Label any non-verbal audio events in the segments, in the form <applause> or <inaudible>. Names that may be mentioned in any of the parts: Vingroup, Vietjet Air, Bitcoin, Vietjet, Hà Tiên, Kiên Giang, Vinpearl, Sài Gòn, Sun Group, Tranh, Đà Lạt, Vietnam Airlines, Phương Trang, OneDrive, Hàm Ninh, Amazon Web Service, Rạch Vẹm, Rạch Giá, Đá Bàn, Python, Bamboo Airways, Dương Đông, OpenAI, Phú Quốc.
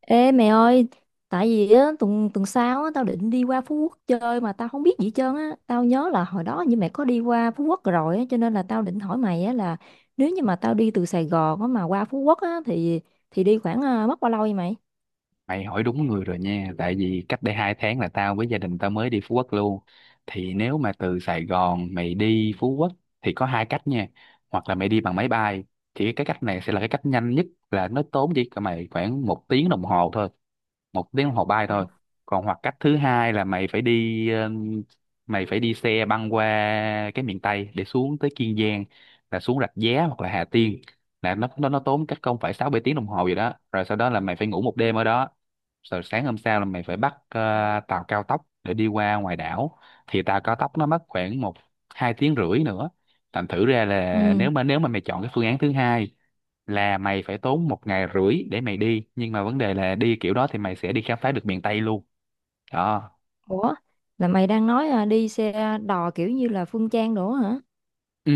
Ê mẹ ơi, tại vì á, tuần tuần sau á, tao định đi qua Phú Quốc chơi mà tao không biết gì hết trơn á. Tao nhớ là hồi đó như mẹ có đi qua Phú Quốc rồi á, cho nên là tao định hỏi mày á là nếu như mà tao đi từ Sài Gòn á, mà qua Phú Quốc á, thì đi khoảng mất bao lâu vậy mày? Mày hỏi đúng người rồi nha, tại vì cách đây 2 tháng là tao với gia đình tao mới đi Phú Quốc luôn. Thì nếu mà từ Sài Gòn mày đi Phú Quốc thì có hai cách nha. Hoặc là mày đi bằng máy bay, thì cái cách này sẽ là cái cách nhanh nhất, là nó tốn chỉ cho mày khoảng 1 tiếng đồng hồ thôi, 1 tiếng đồng hồ bay thôi. Còn hoặc cách thứ hai là mày phải đi mày phải đi xe băng qua cái miền Tây để xuống tới Kiên Giang, là xuống Rạch Giá hoặc là Hà Tiên, là nó tốn cách không phải 6 7 tiếng đồng hồ gì đó, rồi sau đó là mày phải ngủ 1 đêm ở đó, rồi sáng hôm sau là mày phải bắt tàu cao tốc để đi qua ngoài đảo. Thì tàu cao tốc nó mất khoảng 1 2 tiếng rưỡi nữa. Thành thử ra là Ừ. nếu mà mày chọn cái phương án thứ hai là mày phải tốn 1 ngày rưỡi để mày đi, nhưng mà vấn đề là đi kiểu đó thì mày sẽ đi khám phá được miền Tây luôn đó. Ủa, là mày đang nói đi xe đò kiểu như là Phương Trang đổ hả? Ừ,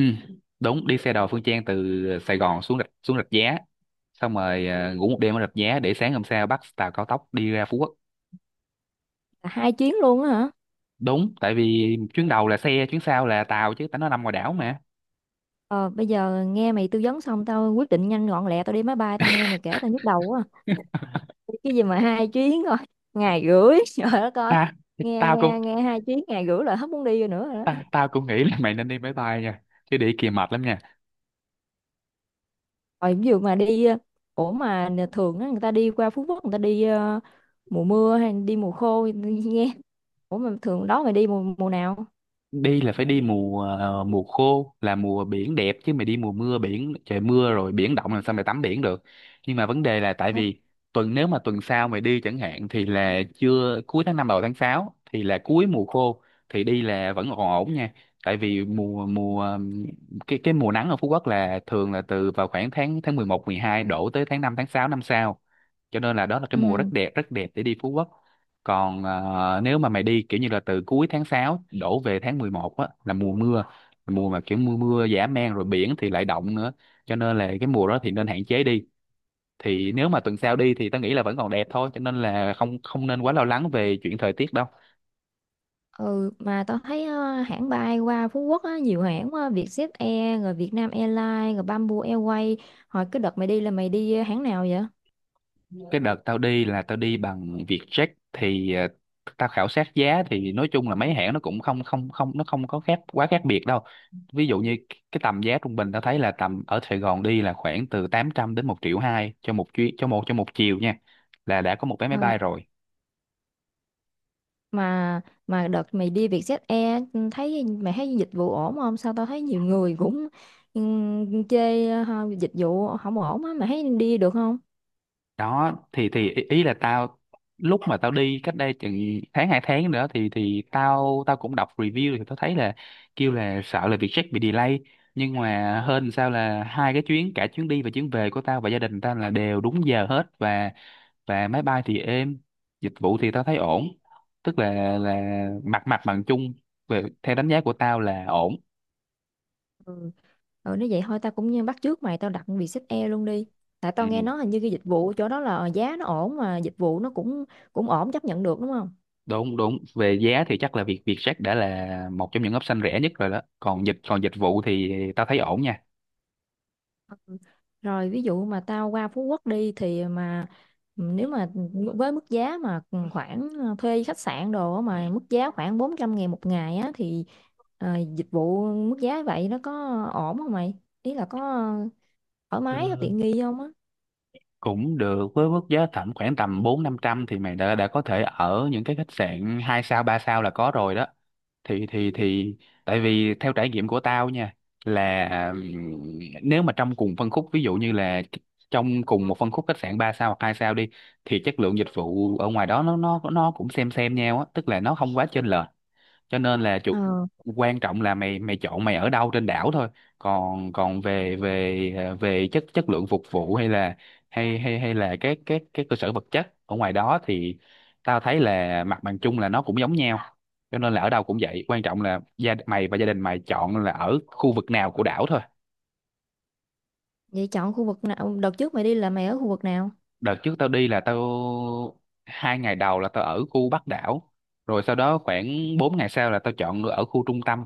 đúng, đi xe đò Phương Trang từ Sài Gòn xuống Rạch Giá, xong rồi ngủ 1 đêm ở Rạch Giá để sáng hôm sau bắt tàu cao tốc đi ra Phú Quốc. Là hai chuyến luôn á hả? Đúng, tại vì chuyến đầu là xe, chuyến sau là tàu chứ, tại nó nằm ngoài đảo mà. Ờ, bây giờ nghe mày tư vấn xong tao quyết định nhanh gọn lẹ tao đi máy bay, tao nghe mày kể tao nhức đầu quá, cái gì mà hai chuyến thôi ngày rưỡi <laughs> trời đất ơi. Ta thì nghe tao cũng nghe nghe hai chuyến ngày rưỡi là hết muốn đi rồi nữa rồi ta, đó. Tao cũng nghĩ là mày nên đi máy bay nha, chứ đi kia mệt lắm nha. Rồi ví dụ mà đi ủa mà nè, thường á, người ta đi qua Phú Quốc người ta đi mùa mưa hay đi mùa khô nghe, ủa mà thường đó mày đi mùa mùa nào? Đi là phải đi mùa mùa khô, là mùa biển đẹp, chứ mày đi mùa mưa, biển trời mưa rồi biển động, làm sao mày tắm biển được. Nhưng mà vấn đề là tại vì nếu mà tuần sau mày đi chẳng hạn, thì là chưa, cuối tháng 5 đầu tháng 6 thì là cuối mùa khô, thì đi là vẫn còn ổn nha. Tại vì mùa mùa cái mùa nắng ở Phú Quốc là thường là từ vào khoảng tháng tháng 11 12 đổ tới tháng 5 tháng 6 năm sau, cho nên là đó là cái mùa rất Ừ. đẹp, rất đẹp để đi Phú Quốc. Còn nếu mà mày đi kiểu như là từ cuối tháng 6 đổ về tháng 11 á, là mùa mưa, mùa mà kiểu mưa mưa dã man, rồi biển thì lại động nữa, cho nên là cái mùa đó thì nên hạn chế đi. Thì nếu mà tuần sau đi thì tao nghĩ là vẫn còn đẹp thôi, cho nên là không không nên quá lo lắng về chuyện thời tiết đâu. Ừ, mà tao thấy hãng bay qua Phú Quốc á nhiều hãng quá, Vietjet Air rồi Vietnam Airlines rồi Bamboo Airways, hồi cái đợt mày đi là mày đi hãng nào vậy? Cái đợt tao đi là tao đi bằng Vietjet. Thì tao khảo sát giá thì nói chung là mấy hãng nó cũng không không không nó không có khác, quá khác biệt đâu. Ví dụ như cái tầm giá trung bình tao thấy là tầm ở Sài Gòn đi là khoảng từ 800 đến 1,2 triệu cho một chuyến, cho cho một chiều nha, là đã có một vé máy bay rồi Mà mà đợt mày đi Vietjet Air ừ, thấy mày thấy dịch vụ ổn không, sao tao thấy nhiều người cũng chê ha, dịch vụ không ổn á mày thấy đi được không? đó. Thì ý ý là tao, lúc mà tao đi cách đây chừng tháng hai tháng nữa, thì tao tao cũng đọc review thì tao thấy là kêu là sợ là Vietjet bị delay. Nhưng mà hên sao là hai cái chuyến, cả chuyến đi và chuyến về của tao và gia đình tao là đều đúng giờ hết. Và máy bay thì êm, dịch vụ thì tao thấy ổn. Tức là mặt mặt bằng chung, về theo đánh giá của tao là ổn. Ừ. Ừ, nếu vậy thôi tao cũng như bắt chước mày tao đặt Vietjet Air luôn đi, tại Ừ. tao nghe nói hình như cái dịch vụ chỗ đó là giá nó ổn mà dịch vụ nó cũng cũng ổn chấp nhận được đúng không? Đúng, đúng, về giá thì chắc là việc Vietjet đã là một trong những option rẻ nhất rồi đó. Còn dịch vụ thì tao thấy ổn nha. Rồi ví dụ mà tao qua Phú Quốc đi thì mà ừ, nếu mà với mức giá mà khoảng thuê khách sạn đồ á mà mức giá khoảng 400 ngàn một ngày á thì dịch vụ mức giá vậy nó có ổn không mày? Ý là có thoải mái tiện nghi không á? Cũng được, với mức giá tầm khoảng tầm bốn năm trăm thì mày đã có thể ở những cái khách sạn hai sao ba sao là có rồi đó. Thì tại vì theo trải nghiệm của tao nha, là nếu mà trong cùng phân khúc, ví dụ như là trong cùng một phân khúc khách sạn 3 sao hoặc 2 sao đi, thì chất lượng dịch vụ ở ngoài đó nó cũng xem nhau á, tức là nó không quá chênh lệch. Cho nên là Ờ, quan trọng là mày mày chọn mày ở đâu trên đảo thôi. Còn còn về về à, về chất chất lượng phục vụ, hay là hay hay hay là các cơ sở vật chất ở ngoài đó, thì tao thấy là mặt bằng chung là nó cũng giống nhau. Cho nên là ở đâu cũng vậy, quan trọng là mày và gia đình mày chọn là ở khu vực nào của đảo thôi. vậy chọn khu vực nào? Đợt trước mày đi là mày ở khu vực nào? Đợt trước tao đi là tao, 2 ngày đầu là tao ở khu Bắc đảo, rồi sau đó khoảng 4 ngày sau là tao chọn ở khu trung tâm.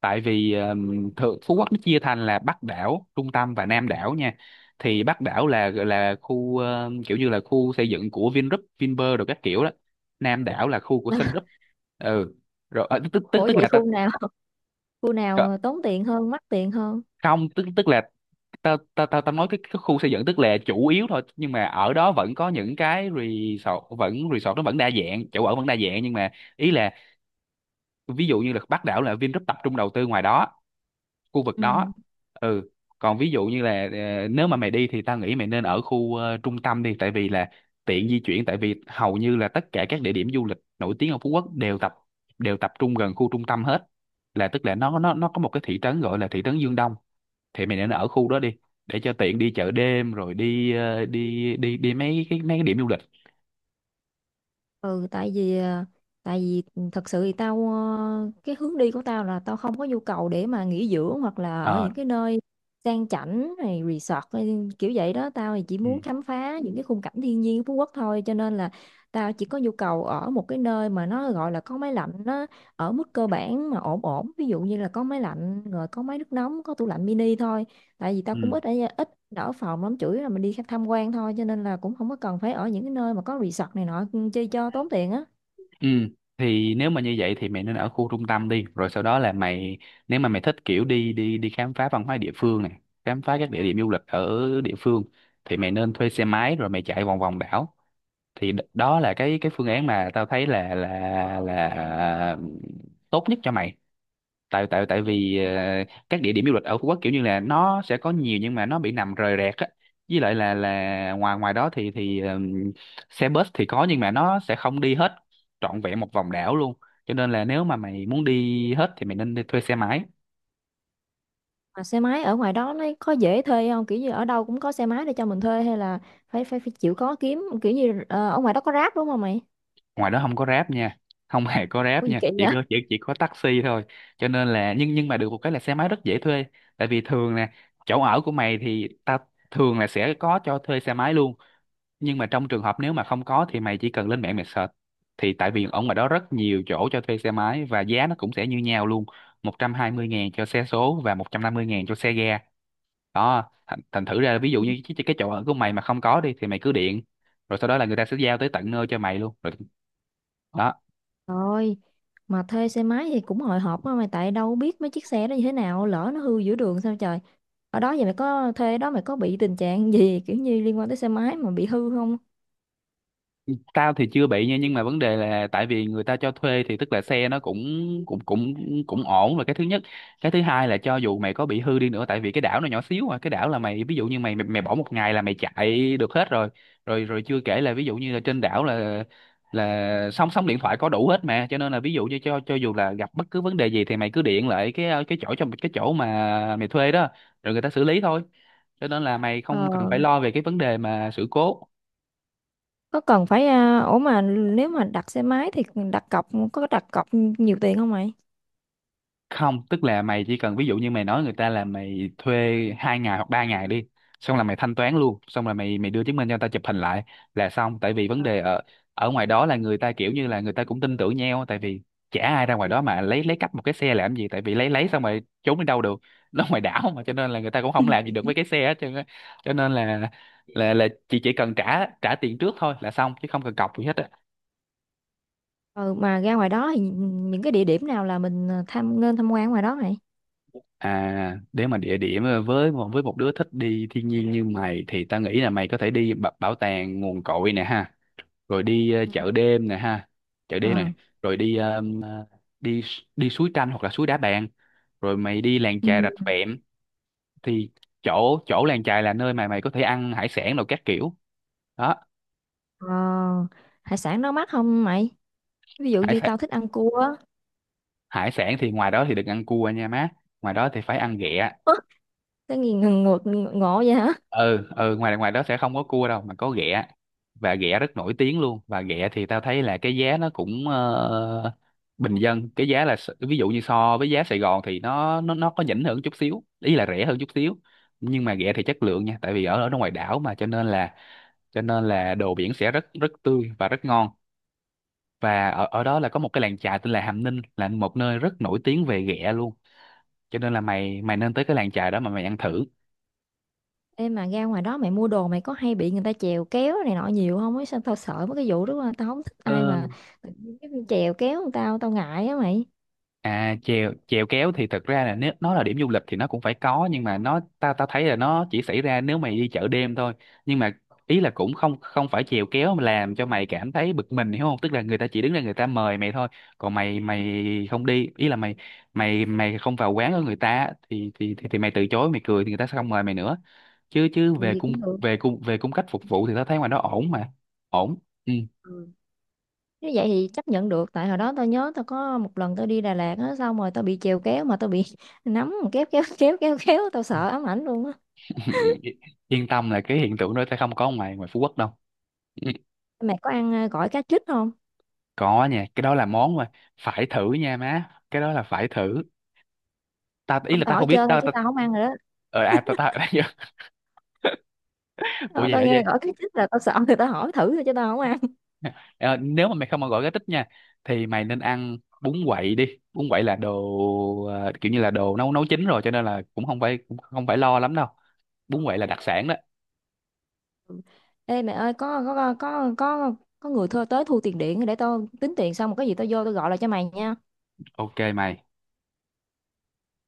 Tại vì thượng Phú Quốc nó chia thành là Bắc đảo, Trung tâm và Nam đảo nha. Thì Bắc đảo là khu kiểu như là khu xây dựng của Vingroup, Vinpearl rồi các kiểu đó. Nam đảo là khu của Sun <laughs> Group. Ừ. Rồi ờ, tức tức Ủa tức vậy là ta khu nào? Khu ờ, nào tốn tiền hơn, mắc tiền hơn? không tức tức là ta ta ta, ta nói cái khu xây dựng tức là chủ yếu thôi, nhưng mà ở đó vẫn có những cái resort, vẫn resort, nó vẫn đa dạng, chỗ ở vẫn đa dạng. Nhưng mà ý là ví dụ như là Bắc đảo là Vingroup tập trung đầu tư ngoài đó, khu vực Ừ. đó. Ừ, còn ví dụ như là nếu mà mày đi thì tao nghĩ mày nên ở khu trung tâm đi, tại vì là tiện di chuyển, tại vì hầu như là tất cả các địa điểm du lịch nổi tiếng ở Phú Quốc đều đều tập trung gần khu trung tâm hết. Là tức là nó có một cái thị trấn gọi là thị trấn Dương Đông, thì mày nên ở khu đó đi, để cho tiện đi chợ đêm rồi đi đi mấy cái điểm du lịch. Ừ tại vì tại vì thật sự thì tao cái hướng đi của tao là tao không có nhu cầu để mà nghỉ dưỡng hoặc là ở Ờ, những cái nơi sang chảnh này resort hay kiểu vậy đó, tao thì chỉ ừ, muốn khám phá những cái khung cảnh thiên nhiên của Phú Quốc thôi, cho nên là tao chỉ có nhu cầu ở một cái nơi mà nó gọi là có máy lạnh, nó ở mức cơ bản mà ổn ổn, ví dụ như là có máy lạnh rồi có máy nước nóng có tủ lạnh mini thôi, tại vì tao cũng ừ. ít ở ít đỡ phòng lắm, chủ yếu là mình đi tham quan thôi cho nên là cũng không có cần phải ở những cái nơi mà có resort này nọ ừ, chi cho tốn tiền á. Ừ, thì nếu mà như vậy thì mày nên ở khu trung tâm đi, rồi sau đó là mày, nếu mà mày thích kiểu đi đi đi khám phá văn hóa địa phương này, khám phá các địa điểm du lịch ở địa phương, thì mày nên thuê xe máy rồi mày chạy vòng vòng đảo. Thì đó là cái phương án mà tao thấy là là à, tốt nhất cho mày. Tại tại tại vì các địa điểm du lịch ở Phú Quốc kiểu như là nó sẽ có nhiều, nhưng mà nó bị nằm rời rạc á. Với lại là ngoài ngoài đó thì xe bus thì có, nhưng mà nó sẽ không đi hết trọn vẹn một vòng đảo luôn. Cho nên là nếu mà mày muốn đi hết thì mày nên đi thuê xe máy. Mà xe máy ở ngoài đó nó có dễ thuê không, kiểu như ở đâu cũng có xe máy để cho mình thuê hay là phải phải, phải chịu khó kiếm, kiểu như ở ngoài đó có Grab đúng không mày? Ngoài đó không có Grab nha, không hề có Có Grab gì nha, kỳ chỉ vậy? có chỉ có taxi thôi. Cho nên là nhưng mà được một cái là xe máy rất dễ thuê. Tại vì thường nè, chỗ ở của mày thì thường là sẽ có cho thuê xe máy luôn. Nhưng mà trong trường hợp nếu mà không có thì mày chỉ cần lên mạng mày search. Thì tại vì ở ngoài đó rất nhiều chỗ cho thuê xe máy và giá nó cũng sẽ như nhau luôn, 120.000 cho xe số và 150.000 cho xe ga đó. Thành thử ra ví dụ Ừ. <laughs> như cái chỗ ở của mày mà không có đi thì mày cứ điện, rồi sau đó là người ta sẽ giao tới tận nơi cho mày luôn rồi đó. Rồi mà thuê xe máy thì cũng hồi hộp quá mày, tại đâu biết mấy chiếc xe đó như thế nào, lỡ nó hư giữa đường sao trời. Ở đó vậy mày có thuê đó mày có bị tình trạng gì kiểu như liên quan tới xe máy mà bị hư không? Tao thì chưa bị nha, nhưng mà vấn đề là tại vì người ta cho thuê thì tức là xe nó cũng cũng ổn, là cái thứ nhất. Cái thứ hai là cho dù mày có bị hư đi nữa, tại vì cái đảo nó nhỏ xíu mà, cái đảo là mày, ví dụ như mày mày, mày bỏ 1 ngày là mày chạy được hết rồi. Rồi chưa kể là ví dụ như là trên đảo là sóng sóng điện thoại có đủ hết mà, cho nên là ví dụ như cho dù là gặp bất cứ vấn đề gì thì mày cứ điện lại cái chỗ, trong cái chỗ mà mày thuê đó, rồi người ta xử lý thôi. Cho nên là mày không cần phải Ờ, lo về cái vấn đề mà sự cố. có cần phải ủa mà nếu mà đặt xe máy thì đặt cọc, có đặt cọc nhiều tiền không mày? Không, tức là mày chỉ cần ví dụ như mày nói người ta là mày thuê hai ngày hoặc ba ngày đi, xong là mày thanh toán luôn, xong là mày mày đưa chứng minh cho người ta chụp hình lại là xong. Tại vì vấn đề ở ở ngoài đó là người ta kiểu như là người ta cũng tin tưởng nhau, tại vì chả ai ra ngoài đó mà lấy cắp một cái xe làm gì, tại vì lấy xong rồi trốn đi đâu được <laughs> nó ngoài đảo mà, cho nên là người ta cũng không làm gì <laughs> được với cái xe hết trơn á. Cho nên là là chị chỉ cần trả trả tiền trước thôi là xong, chứ không cần cọc gì hết á. Ừ, mà ra ngoài đó thì những cái địa điểm nào là mình à, tham nên tham quan ngoài đó mày? À, nếu mà địa điểm với một đứa thích đi thiên nhiên như mày thì tao nghĩ là mày có thể bảo tàng Nguồn Cội nè ha, rồi đi Ừ. chợ đêm nè ha, chợ đêm Ờ. này, rồi đi đi s- đi suối Tranh hoặc là suối Đá Bàn, rồi mày đi làng Ừ. chài Rạch Vẹm thì chỗ chỗ làng chài là nơi mà mày có thể ăn hải sản rồi các kiểu. Đó, Ờ, hải sản nó mắc không mày? Ví dụ hải như sản tao thích ăn cua á. hải sản thì ngoài đó thì đừng ăn cua nha má, ngoài đó thì phải ăn ghẹ. Ơ, cái gì ngộ, ngộ vậy hả? Ừ ừ, ngoài ngoài đó sẽ không có cua đâu mà có ghẹ, và ghẹ rất nổi tiếng luôn. Và ghẹ thì tao thấy là cái giá nó cũng bình dân, cái giá là ví dụ như so với giá Sài Gòn thì nó nó có nhỉnh hơn chút xíu, ý là rẻ hơn chút xíu, nhưng mà ghẹ thì chất lượng nha. Tại vì ở ở ngoài đảo mà cho nên là đồ biển sẽ rất rất tươi và rất ngon. Và ở ở đó là có một cái làng chài tên là Hàm Ninh, là một nơi rất nổi tiếng về ghẹ luôn, cho nên là mày mày nên tới cái làng chài đó mà mày ăn thử. Ê mà ra ngoài đó mày mua đồ mày có hay bị người ta chèo kéo này nọ nhiều không ấy? Sao tao sợ mấy cái vụ đó quá. Tao không thích ai Ờ, mà tự nhiên cái chèo kéo tao, tao ngại á mày. à, chèo chèo kéo thì thật ra là nếu nó là điểm du lịch thì nó cũng phải có, nhưng mà nó ta ta thấy là nó chỉ xảy ra nếu mày đi chợ đêm thôi. Nhưng mà ý là cũng không không phải chèo kéo mà làm cho mày cảm thấy bực mình, hiểu không? Tức là người ta chỉ đứng ra người ta mời mày thôi, còn mày mày không đi, ý là mày mày mày không vào quán của người ta thì thì mày từ chối, mày cười thì người ta sẽ không mời mày nữa. Chứ Chứ Ừ, về gì cung cũng được. về cung về cung cách phục vụ thì tao thấy ngoài đó ổn mà. Ổn. Ừ. Nếu vậy thì chấp nhận được, tại hồi đó tôi nhớ tôi có một lần tôi đi Đà Lạt á xong rồi tôi bị trèo kéo mà tôi bị <laughs> nắm kéo kéo kéo kéo kéo tôi sợ ám ảnh luôn á. <laughs> Yên tâm là cái hiện tượng đó sẽ không có ngoài ngoài Phú Quốc đâu. Ừ. Mày có ăn gỏi cá trích không? Có nha, cái đó là món mà phải thử nha má, cái đó là phải thử. Ta ý Không là tao ta hỏi không biết, chơi thôi chứ tao không ăn rồi đó. ờ à ta ta <laughs> Ủa Ờ, vậy tao hả nghe vậy? gỏi cá trích là tao sợ thì tao hỏi thử thôi chứ tao không ăn. Ờ, nếu mà mày không mà gọi cái tích nha thì mày nên ăn bún quậy đi. Bún quậy là đồ kiểu như là đồ nấu nấu chín rồi, cho nên là cũng không phải lo lắm đâu. Bún quậy là đặc sản đó. Ê mẹ ơi có người thơ tới thu tiền điện để tao tính tiền xong rồi có gì tao vô tao gọi lại cho mày nha. OK mày.